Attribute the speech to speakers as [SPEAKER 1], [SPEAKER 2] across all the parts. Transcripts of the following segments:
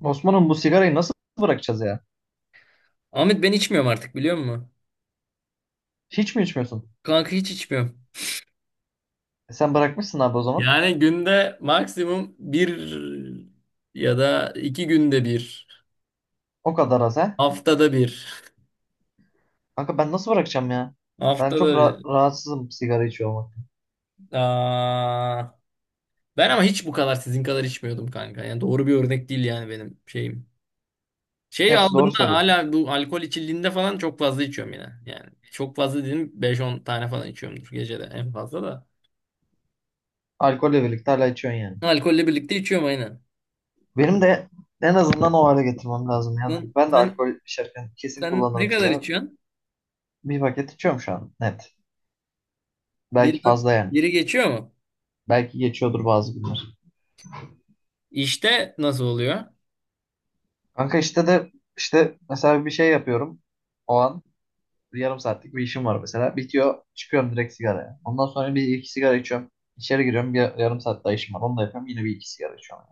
[SPEAKER 1] Osman'ım bu sigarayı nasıl bırakacağız ya?
[SPEAKER 2] Ahmet ben içmiyorum artık, biliyor musun?
[SPEAKER 1] Hiç mi içmiyorsun?
[SPEAKER 2] Kanka hiç içmiyorum.
[SPEAKER 1] E sen bırakmışsın abi o zaman.
[SPEAKER 2] Yani günde maksimum bir ya da iki günde bir,
[SPEAKER 1] O kadar az ha.
[SPEAKER 2] haftada bir.
[SPEAKER 1] Kanka ben nasıl bırakacağım ya? Ben çok
[SPEAKER 2] Haftada bir.
[SPEAKER 1] rahatsızım sigara içiyor olmaktan.
[SPEAKER 2] Aa, ben ama hiç bu kadar sizin kadar içmiyordum kanka. Yani doğru bir örnek değil yani benim şeyim. Şey
[SPEAKER 1] Gerçi
[SPEAKER 2] aldığımda
[SPEAKER 1] doğru söylüyorsun.
[SPEAKER 2] hala bu alkol içildiğinde falan çok fazla içiyorum yine. Yani çok fazla dedim, beş on tane falan içiyorumdur gecede en fazla da.
[SPEAKER 1] Alkolle birlikte hala içiyorsun yani.
[SPEAKER 2] Alkolle birlikte içiyorum aynen.
[SPEAKER 1] Benim de en azından o hale getirmem lazım ya.
[SPEAKER 2] Sen,
[SPEAKER 1] Ben de
[SPEAKER 2] sen,
[SPEAKER 1] alkol içerken kesin
[SPEAKER 2] sen ne
[SPEAKER 1] kullanırım
[SPEAKER 2] kadar
[SPEAKER 1] sigara.
[SPEAKER 2] içiyorsun?
[SPEAKER 1] Bir paket içiyorum şu an net.
[SPEAKER 2] Bir,
[SPEAKER 1] Belki fazla yani.
[SPEAKER 2] biri geçiyor mu?
[SPEAKER 1] Belki geçiyordur bazı günler.
[SPEAKER 2] İşte nasıl oluyor?
[SPEAKER 1] Kanka işte de işte mesela bir şey yapıyorum o an. Yarım saatlik bir işim var mesela. Bitiyor çıkıyorum direkt sigaraya. Ondan sonra bir iki sigara içiyorum. İçeri giriyorum, bir yarım saat daha işim var. Onu da yapıyorum, yine bir iki sigara içiyorum.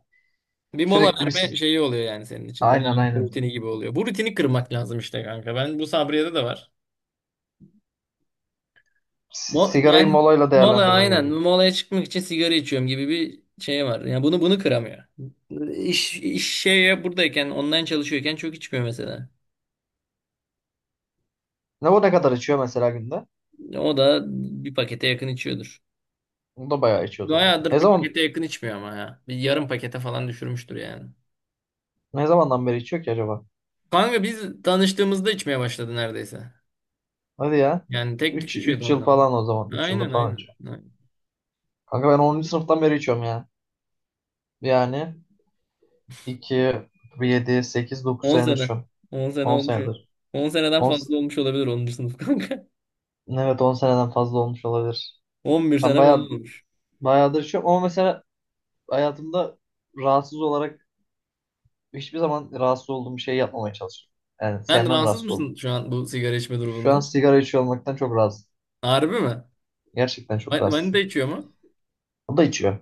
[SPEAKER 2] Bir mola
[SPEAKER 1] Sürekli bir
[SPEAKER 2] verme
[SPEAKER 1] si-
[SPEAKER 2] şeyi oluyor yani senin için. Mola
[SPEAKER 1] aynen,
[SPEAKER 2] verme
[SPEAKER 1] aynen.
[SPEAKER 2] rutini gibi oluyor. Bu rutini kırmak lazım işte kanka. Ben bu Sabriye'de de var.
[SPEAKER 1] Sigarayı
[SPEAKER 2] Yani
[SPEAKER 1] molayla
[SPEAKER 2] mola
[SPEAKER 1] değerlendirme gibi.
[SPEAKER 2] aynen. Molaya çıkmak için sigara içiyorum gibi bir şey var. Yani bunu kıramıyor. İş şeye buradayken, online çalışıyorken çok içmiyor mesela.
[SPEAKER 1] Ne, bu ne kadar içiyor mesela günde?
[SPEAKER 2] O da bir pakete yakın içiyordur.
[SPEAKER 1] O da bayağı içiyor o zaman.
[SPEAKER 2] Bayağıdır bir pakete yakın içmiyor ama ya. Bir yarım pakete falan düşürmüştür yani.
[SPEAKER 1] Ne zamandan beri içiyor ki acaba?
[SPEAKER 2] Kanka biz tanıştığımızda içmeye başladı neredeyse.
[SPEAKER 1] Hadi ya.
[SPEAKER 2] Yani tek tük
[SPEAKER 1] 3
[SPEAKER 2] içiyordu
[SPEAKER 1] 3 yıl
[SPEAKER 2] onlar.
[SPEAKER 1] falan o zaman. 3 yıldır
[SPEAKER 2] Aynen,
[SPEAKER 1] falan
[SPEAKER 2] aynen,
[SPEAKER 1] içiyor.
[SPEAKER 2] aynen.
[SPEAKER 1] Kanka ben 10. sınıftan beri içiyorum ya. Yani 2 7 8 9
[SPEAKER 2] 10
[SPEAKER 1] senedir
[SPEAKER 2] sene.
[SPEAKER 1] içiyorum.
[SPEAKER 2] on sene
[SPEAKER 1] 10
[SPEAKER 2] olmuş.
[SPEAKER 1] senedir.
[SPEAKER 2] 10 seneden
[SPEAKER 1] 10,
[SPEAKER 2] fazla olmuş olabilir 10. sınıf kanka.
[SPEAKER 1] evet, 10 seneden fazla olmuş olabilir.
[SPEAKER 2] 11
[SPEAKER 1] Ben
[SPEAKER 2] sene falan
[SPEAKER 1] bayağı
[SPEAKER 2] olmuş.
[SPEAKER 1] Bayağıdır içiyorum ama mesela hayatımda rahatsız olarak hiçbir zaman rahatsız olduğum bir şey yapmamaya çalışıyorum. Yani
[SPEAKER 2] Sen
[SPEAKER 1] sevmem,
[SPEAKER 2] rahatsız
[SPEAKER 1] rahatsız oldum.
[SPEAKER 2] mısın şu an bu sigara içme
[SPEAKER 1] Şu an
[SPEAKER 2] durumundan?
[SPEAKER 1] sigara içiyor olmaktan çok rahatsız.
[SPEAKER 2] Harbi mi?
[SPEAKER 1] Gerçekten çok
[SPEAKER 2] Manita
[SPEAKER 1] rahatsız.
[SPEAKER 2] içiyor mu?
[SPEAKER 1] O da içiyor.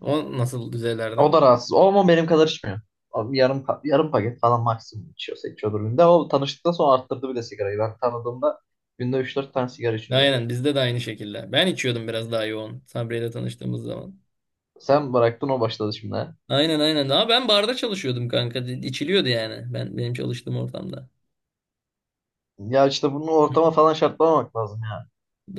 [SPEAKER 2] O nasıl
[SPEAKER 1] O
[SPEAKER 2] düzeylerde?
[SPEAKER 1] da rahatsız. O ama benim kadar içmiyor. Abi yarım yarım paket falan maksimum içiyorsa içiyordur günde. O, tanıştıktan sonra arttırdı bile sigarayı. Ben tanıdığımda günde üç dört tane sigara içiyordu yani.
[SPEAKER 2] Aynen bizde de aynı şekilde. Ben içiyordum biraz daha yoğun Sabriye ile tanıştığımız zaman.
[SPEAKER 1] Sen bıraktın, o başladı şimdi, ha.
[SPEAKER 2] Aynen aynen. Ama ben barda çalışıyordum kanka. İçiliyordu yani. Ben benim çalıştığım ortamda.
[SPEAKER 1] Ya işte bunu ortama falan şartlamamak lazım.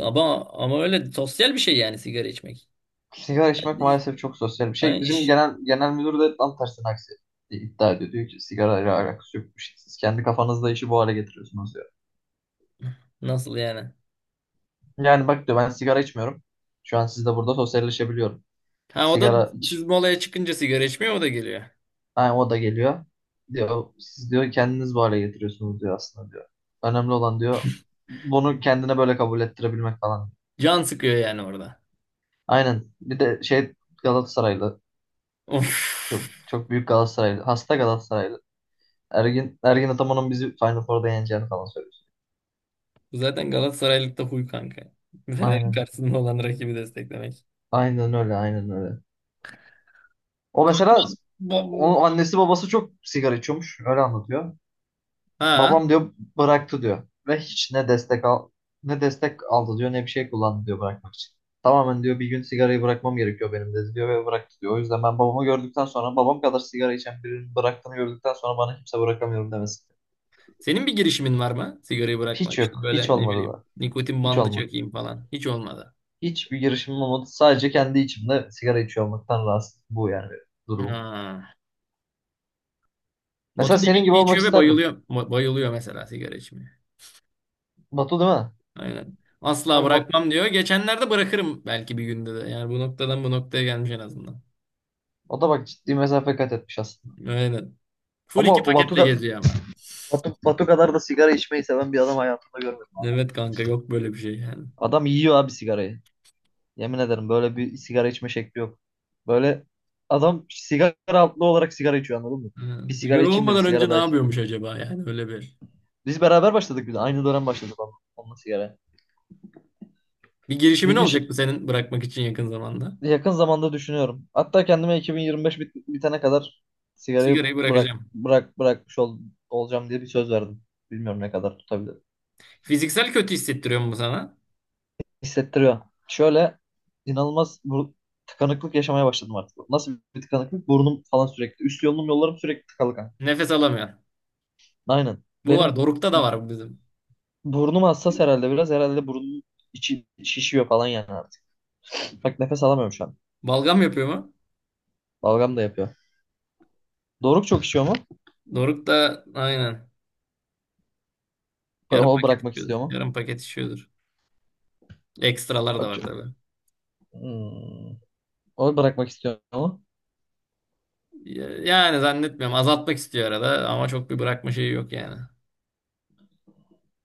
[SPEAKER 2] Ama öyle sosyal bir şey yani sigara içmek.
[SPEAKER 1] Sigara içmek maalesef çok sosyal bir
[SPEAKER 2] Yani
[SPEAKER 1] şey. Bizim
[SPEAKER 2] iş,
[SPEAKER 1] genel müdür de tam tersine aksi iddia ediyor. Diyor ki sigara ile alakası yok bir şey. Siz kendi kafanızda işi bu hale getiriyorsunuz, diyor.
[SPEAKER 2] nasıl yani?
[SPEAKER 1] Yani bak, diyor, ben sigara içmiyorum. Şu an sizle burada sosyalleşebiliyorum.
[SPEAKER 2] Ha o da
[SPEAKER 1] Sigara
[SPEAKER 2] siz
[SPEAKER 1] iç.
[SPEAKER 2] molaya çıkınca sigara içmiyor o da geliyor.
[SPEAKER 1] Yani o da geliyor. Diyor siz, diyor, kendiniz bu hale getiriyorsunuz diyor aslında, diyor. Önemli olan, diyor, bunu kendine böyle kabul ettirebilmek falan.
[SPEAKER 2] Can sıkıyor yani orada.
[SPEAKER 1] Aynen. Bir de şey, Galatasaraylı,
[SPEAKER 2] Of.
[SPEAKER 1] çok çok büyük Galatasaraylı. Hasta Galatasaraylı. Ergin Ataman'ın bizi Final Four'da yeneceğini falan söylüyor.
[SPEAKER 2] Bu zaten Galatasaraylık da huy kanka. Fener'in
[SPEAKER 1] Aynen.
[SPEAKER 2] karşısında olan rakibi desteklemek.
[SPEAKER 1] Aynen öyle, aynen öyle. O mesela,
[SPEAKER 2] Bom.
[SPEAKER 1] onun annesi babası çok sigara içiyormuş. Öyle anlatıyor.
[SPEAKER 2] Ha.
[SPEAKER 1] Babam, diyor, bıraktı, diyor. Ve hiç ne destek al ne destek aldı, diyor, ne bir şey kullandı, diyor, bırakmak için. Tamamen, diyor, bir gün sigarayı bırakmam gerekiyor benim, dedi, diyor, ve bıraktı, diyor. O yüzden ben babamı gördükten sonra, babam kadar sigara içen birinin bıraktığını gördükten sonra bana kimse bırakamıyorum demesi.
[SPEAKER 2] Senin bir girişimin var mı sigarayı bırakma?
[SPEAKER 1] Hiç
[SPEAKER 2] İşte
[SPEAKER 1] yok.
[SPEAKER 2] böyle
[SPEAKER 1] Hiç
[SPEAKER 2] ne
[SPEAKER 1] olmadı
[SPEAKER 2] bileyim,
[SPEAKER 1] da.
[SPEAKER 2] nikotin
[SPEAKER 1] Hiç
[SPEAKER 2] bandı
[SPEAKER 1] olmadı.
[SPEAKER 2] çekeyim falan. Hiç olmadı.
[SPEAKER 1] Hiçbir girişimim olmadı. Sadece kendi içimde sigara içiyor olmaktan rahatsız. Bu yani benim durumum.
[SPEAKER 2] Ha.
[SPEAKER 1] Mesela
[SPEAKER 2] Batu deli
[SPEAKER 1] senin gibi
[SPEAKER 2] gibi
[SPEAKER 1] olmak
[SPEAKER 2] içiyor ve
[SPEAKER 1] isterdim.
[SPEAKER 2] bayılıyor. Bayılıyor mesela sigara içmeye.
[SPEAKER 1] Batu değil mi?
[SPEAKER 2] Aynen. Asla
[SPEAKER 1] Kanka Batu,
[SPEAKER 2] bırakmam diyor. Geçenlerde bırakırım belki bir günde de. Yani bu noktadan bu noktaya gelmiş en azından.
[SPEAKER 1] o da bak ciddi mesafe kat etmiş aslında.
[SPEAKER 2] Aynen. Full
[SPEAKER 1] Ama
[SPEAKER 2] iki
[SPEAKER 1] o Batu,
[SPEAKER 2] paketle geziyor ama.
[SPEAKER 1] Batu, Batu kadar da sigara içmeyi seven bir adam hayatımda görmedim.
[SPEAKER 2] Evet kanka, yok böyle bir şey yani.
[SPEAKER 1] Adam yiyor abi sigarayı. Yemin ederim, böyle bir sigara içme şekli yok. Böyle adam sigara altlı olarak sigara içiyor, anladın mı?
[SPEAKER 2] Ha.
[SPEAKER 1] Bir sigara
[SPEAKER 2] Sigara
[SPEAKER 1] içeyim, de bir
[SPEAKER 2] olmadan
[SPEAKER 1] sigara
[SPEAKER 2] önce ne
[SPEAKER 1] daha içeyim.
[SPEAKER 2] yapıyormuş acaba yani öyle bir.
[SPEAKER 1] Biz beraber başladık bir de. Aynı dönem başladık onunla, onunla sigara.
[SPEAKER 2] Bir
[SPEAKER 1] Bir
[SPEAKER 2] girişimin
[SPEAKER 1] gün ş-
[SPEAKER 2] olacak mı senin bırakmak için yakın zamanda?
[SPEAKER 1] Yakın zamanda düşünüyorum. Hatta kendime 2025 bitene kadar sigarayı
[SPEAKER 2] Sigarayı bırakacağım.
[SPEAKER 1] bırakmış olacağım diye bir söz verdim. Bilmiyorum ne kadar tutabilirim.
[SPEAKER 2] Fiziksel kötü hissettiriyor mu sana?
[SPEAKER 1] Hissettiriyor. Şöyle, inanılmaz bu tıkanıklık yaşamaya başladım artık. Nasıl bir tıkanıklık? Burnum falan sürekli. Üst yolum Yollarım sürekli tıkalı kanka.
[SPEAKER 2] Nefes alamıyor.
[SPEAKER 1] Aynen.
[SPEAKER 2] Bu var.
[SPEAKER 1] Benim
[SPEAKER 2] Doruk'ta da var bu bizim.
[SPEAKER 1] burnum hassas herhalde biraz. Herhalde burnum içi şişiyor falan yani artık. Bak nefes alamıyorum şu an.
[SPEAKER 2] Balgam yapıyor mu?
[SPEAKER 1] Balgam da yapıyor. Doruk çok içiyor mu?
[SPEAKER 2] Doruk da aynen. Yarım
[SPEAKER 1] O
[SPEAKER 2] paket
[SPEAKER 1] bırakmak
[SPEAKER 2] içiyordur.
[SPEAKER 1] istiyor mu?
[SPEAKER 2] Yarım paket içiyordur. Ekstralar da
[SPEAKER 1] O
[SPEAKER 2] var
[SPEAKER 1] çok...
[SPEAKER 2] tabii.
[SPEAKER 1] Hmm. Onu bırakmak istiyorum ama
[SPEAKER 2] Yani zannetmiyorum. Azaltmak istiyor arada ama çok bir bırakma şeyi yok yani.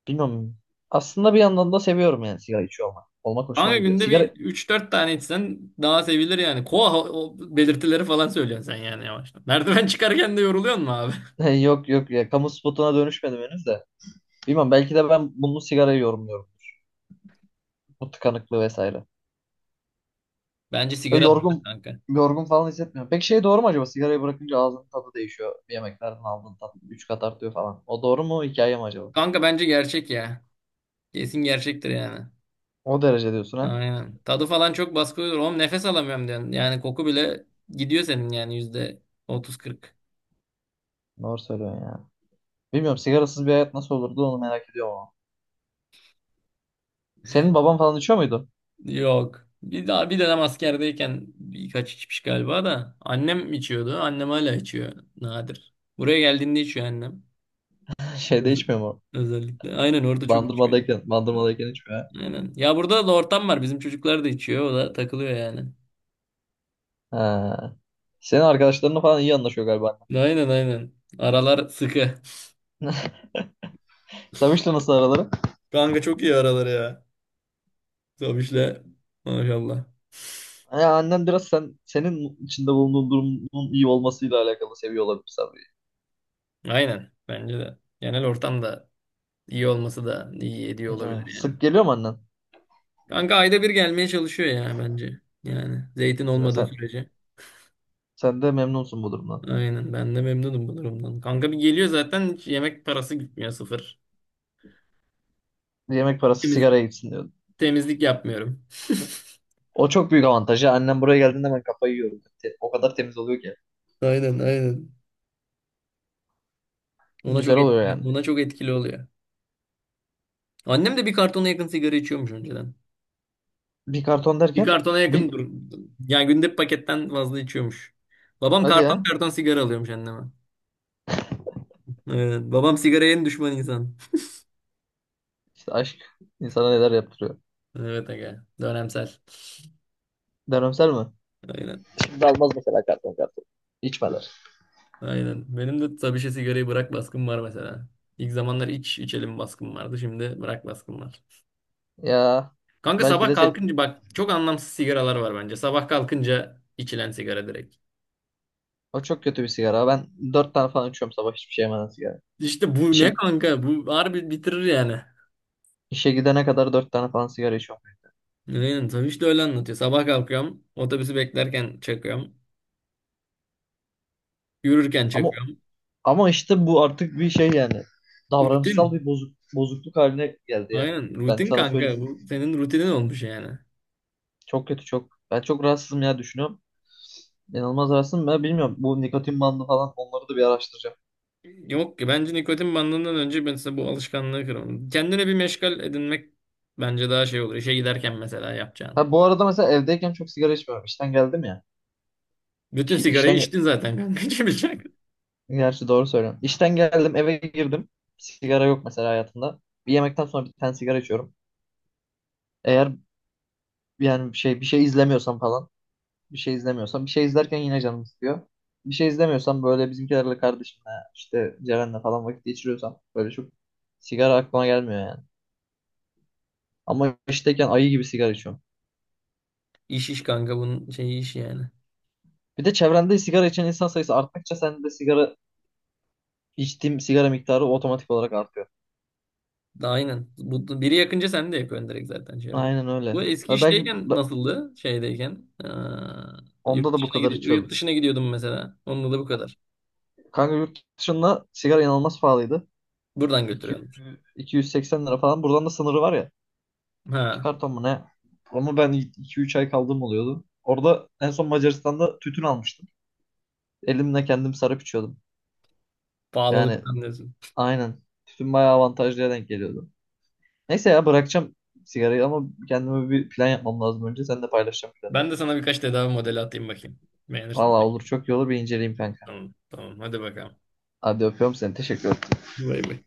[SPEAKER 1] bilmiyorum. Aslında bir yandan da seviyorum yani sigara içiyor olmak. Olmak hoşuma
[SPEAKER 2] Kanka
[SPEAKER 1] gidiyor.
[SPEAKER 2] günde bir
[SPEAKER 1] Sigara
[SPEAKER 2] üç dört tane içsen daha sevilir yani. Koa o belirtileri falan söylüyorsun sen yani yavaştan. Merdiven çıkarken de yoruluyor mu abi?
[SPEAKER 1] yok yok ya, kamu spotuna dönüşmedim henüz de. Bilmiyorum, belki de ben bunu sigarayı yorumluyorum. Bu tıkanıklığı vesaire.
[SPEAKER 2] Bence
[SPEAKER 1] Ya
[SPEAKER 2] sigara da
[SPEAKER 1] yorgun
[SPEAKER 2] kanka.
[SPEAKER 1] Yorgun falan hissetmiyorum. Peki şey, doğru mu acaba, sigarayı bırakınca ağzının tadı değişiyor. Yemeklerden aldığın tat 3 kat artıyor falan. O doğru mu, hikaye mi acaba?
[SPEAKER 2] Kanka bence gerçek ya. Kesin gerçektir yani.
[SPEAKER 1] O derece diyorsun ha?
[SPEAKER 2] Aynen. Tadı falan çok baskı olur. Oğlum nefes alamıyorum diyorsun. Yani koku bile gidiyor senin yani yüzde otuz kırk.
[SPEAKER 1] Doğru söylüyorsun ya. Bilmiyorum, sigarasız bir hayat nasıl olurdu, onu merak ediyorum ama. Senin baban falan içiyor muydu?
[SPEAKER 2] Yok. Bir daha bir dönem askerdeyken birkaç içmiş galiba da. Annem içiyordu. Annem hala içiyor. Nadir. Buraya geldiğinde içiyor annem.
[SPEAKER 1] Şeyde
[SPEAKER 2] Öz-
[SPEAKER 1] içmiyor mu?
[SPEAKER 2] özellikle. Aynen orada çok içmiyor.
[SPEAKER 1] Bandırmadayken içmiyor.
[SPEAKER 2] Aynen. Ya burada da ortam var. Bizim çocuklar da içiyor. O da takılıyor yani.
[SPEAKER 1] Ha. Senin arkadaşlarınla falan iyi anlaşıyor galiba,
[SPEAKER 2] Aynen aynen. Aralar sıkı.
[SPEAKER 1] annen. Samış'la nasıl araları?
[SPEAKER 2] Kanka çok iyi araları ya. Zabiş'le. Maşallah.
[SPEAKER 1] Ya annen biraz senin içinde bulunduğun durumun iyi olmasıyla alakalı seviyor olabilir Sabri.
[SPEAKER 2] Aynen. Bence de. Genel ortam da iyi olması da iyi ediyor
[SPEAKER 1] Ha.
[SPEAKER 2] olabilir yani.
[SPEAKER 1] Sık geliyor mu annen?
[SPEAKER 2] Kanka ayda bir gelmeye çalışıyor ya bence. Yani zeytin
[SPEAKER 1] Ya
[SPEAKER 2] olmadığı
[SPEAKER 1] sen
[SPEAKER 2] sürece.
[SPEAKER 1] Sen de memnunsun bu durumdan.
[SPEAKER 2] Aynen. Ben de memnunum bu durumdan. Kanka bir geliyor zaten hiç yemek parası gitmiyor, sıfır.
[SPEAKER 1] Yemek parası
[SPEAKER 2] Temiz,
[SPEAKER 1] sigaraya gitsin diyordun.
[SPEAKER 2] temizlik yapmıyorum.
[SPEAKER 1] O çok büyük avantajı. Annem buraya geldiğinde ben kafayı yiyorum. O kadar temiz oluyor ki.
[SPEAKER 2] Aynen aynen.
[SPEAKER 1] Güzel oluyor yani.
[SPEAKER 2] Ona çok etkili oluyor. Annem de bir kartona yakın sigara içiyormuş önceden.
[SPEAKER 1] Bir karton
[SPEAKER 2] Bir
[SPEAKER 1] derken
[SPEAKER 2] kartona yakın
[SPEAKER 1] bir
[SPEAKER 2] dur. Yani günde bir paketten fazla içiyormuş. Babam
[SPEAKER 1] hadi
[SPEAKER 2] karton
[SPEAKER 1] ya.
[SPEAKER 2] karton sigara alıyormuş anneme. Evet. Babam sigaraya en düşman insan.
[SPEAKER 1] İşte aşk insana neler yaptırıyor.
[SPEAKER 2] Evet aga. Dönemsel.
[SPEAKER 1] Dönemsel mi?
[SPEAKER 2] Aynen.
[SPEAKER 1] Şimdi almaz mesela karton karton. İçmeler.
[SPEAKER 2] Aynen. Benim de tabii şey sigarayı bırak baskım var mesela. İlk zamanlar iç içelim baskım vardı. Şimdi bırak baskım var.
[SPEAKER 1] Ya
[SPEAKER 2] Kanka
[SPEAKER 1] belki
[SPEAKER 2] sabah
[SPEAKER 1] de sen
[SPEAKER 2] kalkınca bak çok anlamsız sigaralar var bence. Sabah kalkınca içilen sigara direkt.
[SPEAKER 1] O çok kötü bir sigara. Ben dört tane falan içiyorum sabah, hiçbir şey yemeden sigara.
[SPEAKER 2] İşte bu ne
[SPEAKER 1] İşe,
[SPEAKER 2] kanka? Bu harbi bitirir yani.
[SPEAKER 1] işe gidene kadar dört tane falan sigara içiyorum.
[SPEAKER 2] Aynen tabii işte öyle anlatıyor. Sabah kalkıyorum. Otobüsü beklerken çakıyorum. Yürürken
[SPEAKER 1] Ama
[SPEAKER 2] çakıyorum.
[SPEAKER 1] ama işte bu artık bir şey yani. Davranışsal bir
[SPEAKER 2] Rutin.
[SPEAKER 1] bozukluk haline geldi yani.
[SPEAKER 2] Aynen
[SPEAKER 1] Ben
[SPEAKER 2] rutin
[SPEAKER 1] sana söyleyeyim.
[SPEAKER 2] kanka. Bu senin rutinin olmuş yani.
[SPEAKER 1] Çok kötü, çok. Ben çok rahatsızım ya, düşünüyorum. İnanılmaz rahatsızım. Ben bilmiyorum. Bu nikotin bandı falan, onları da bir araştıracağım.
[SPEAKER 2] Yok ki bence, nikotin bandından önce ben size bu alışkanlığı kıralım. Kendine bir meşgal edinmek bence daha şey olur. İşe giderken mesela yapacağın.
[SPEAKER 1] Ha, bu arada mesela evdeyken çok sigara içmiyorum. İşten geldim ya.
[SPEAKER 2] Bütün
[SPEAKER 1] İş,
[SPEAKER 2] sigarayı
[SPEAKER 1] işten ge-
[SPEAKER 2] içtin zaten kanka. İçmeyecek.
[SPEAKER 1] Gerçi doğru söylüyorum. İşten geldim, eve girdim. Sigara yok mesela hayatımda. Bir yemekten sonra bir tane sigara içiyorum. Eğer Yani bir şey izlemiyorsam falan. Bir şey izlemiyorsam. Bir şey izlerken yine canım istiyor. Bir şey izlemiyorsam böyle bizimkilerle, kardeşimle, işte Ceren'le falan vakit geçiriyorsam, böyle çok sigara aklıma gelmiyor yani. Ama işteyken ayı gibi sigara içiyorum.
[SPEAKER 2] İş kanka bunun şeyi iş yani.
[SPEAKER 1] Bir de çevrende sigara içen insan sayısı arttıkça sen de sigara içtiğim sigara miktarı otomatik olarak artıyor.
[SPEAKER 2] Aynen. Bu, biri yakınca sen de yakıyorsun direkt zaten şey olarak.
[SPEAKER 1] Aynen
[SPEAKER 2] Bu
[SPEAKER 1] öyle.
[SPEAKER 2] eski işteyken nasıldı? Şeydeyken. Aa,
[SPEAKER 1] Onda da bu kadar
[SPEAKER 2] yurt
[SPEAKER 1] içiyordum.
[SPEAKER 2] dışına gidiyordum mesela. Onunla da bu kadar.
[SPEAKER 1] Kanka yurt dışında sigara inanılmaz pahalıydı.
[SPEAKER 2] Buradan
[SPEAKER 1] 200
[SPEAKER 2] götürüyordum.
[SPEAKER 1] 280 lira falan. Buradan da sınırı var ya, iki
[SPEAKER 2] Ha,
[SPEAKER 1] karton mu ne? Ama ben iki üç ay kaldığım oluyordu. Orada en son Macaristan'da tütün almıştım. Elimle kendim sarıp içiyordum. Yani
[SPEAKER 2] pahalılık anlıyorsun.
[SPEAKER 1] aynen. Tütün bayağı avantajlıya denk geliyordu. Neyse ya, bırakacağım sigarayı ama kendime bir plan yapmam lazım önce. Sen de paylaşacağım planı.
[SPEAKER 2] Ben de sana birkaç tedavi modeli atayım bakayım. Beğenirsin
[SPEAKER 1] Valla olur,
[SPEAKER 2] belki.
[SPEAKER 1] çok iyi olur, bir inceleyeyim kanka.
[SPEAKER 2] Tamam, tamam. Hadi bakalım.
[SPEAKER 1] Hadi öpüyorum seni. Teşekkür
[SPEAKER 2] Bay bay.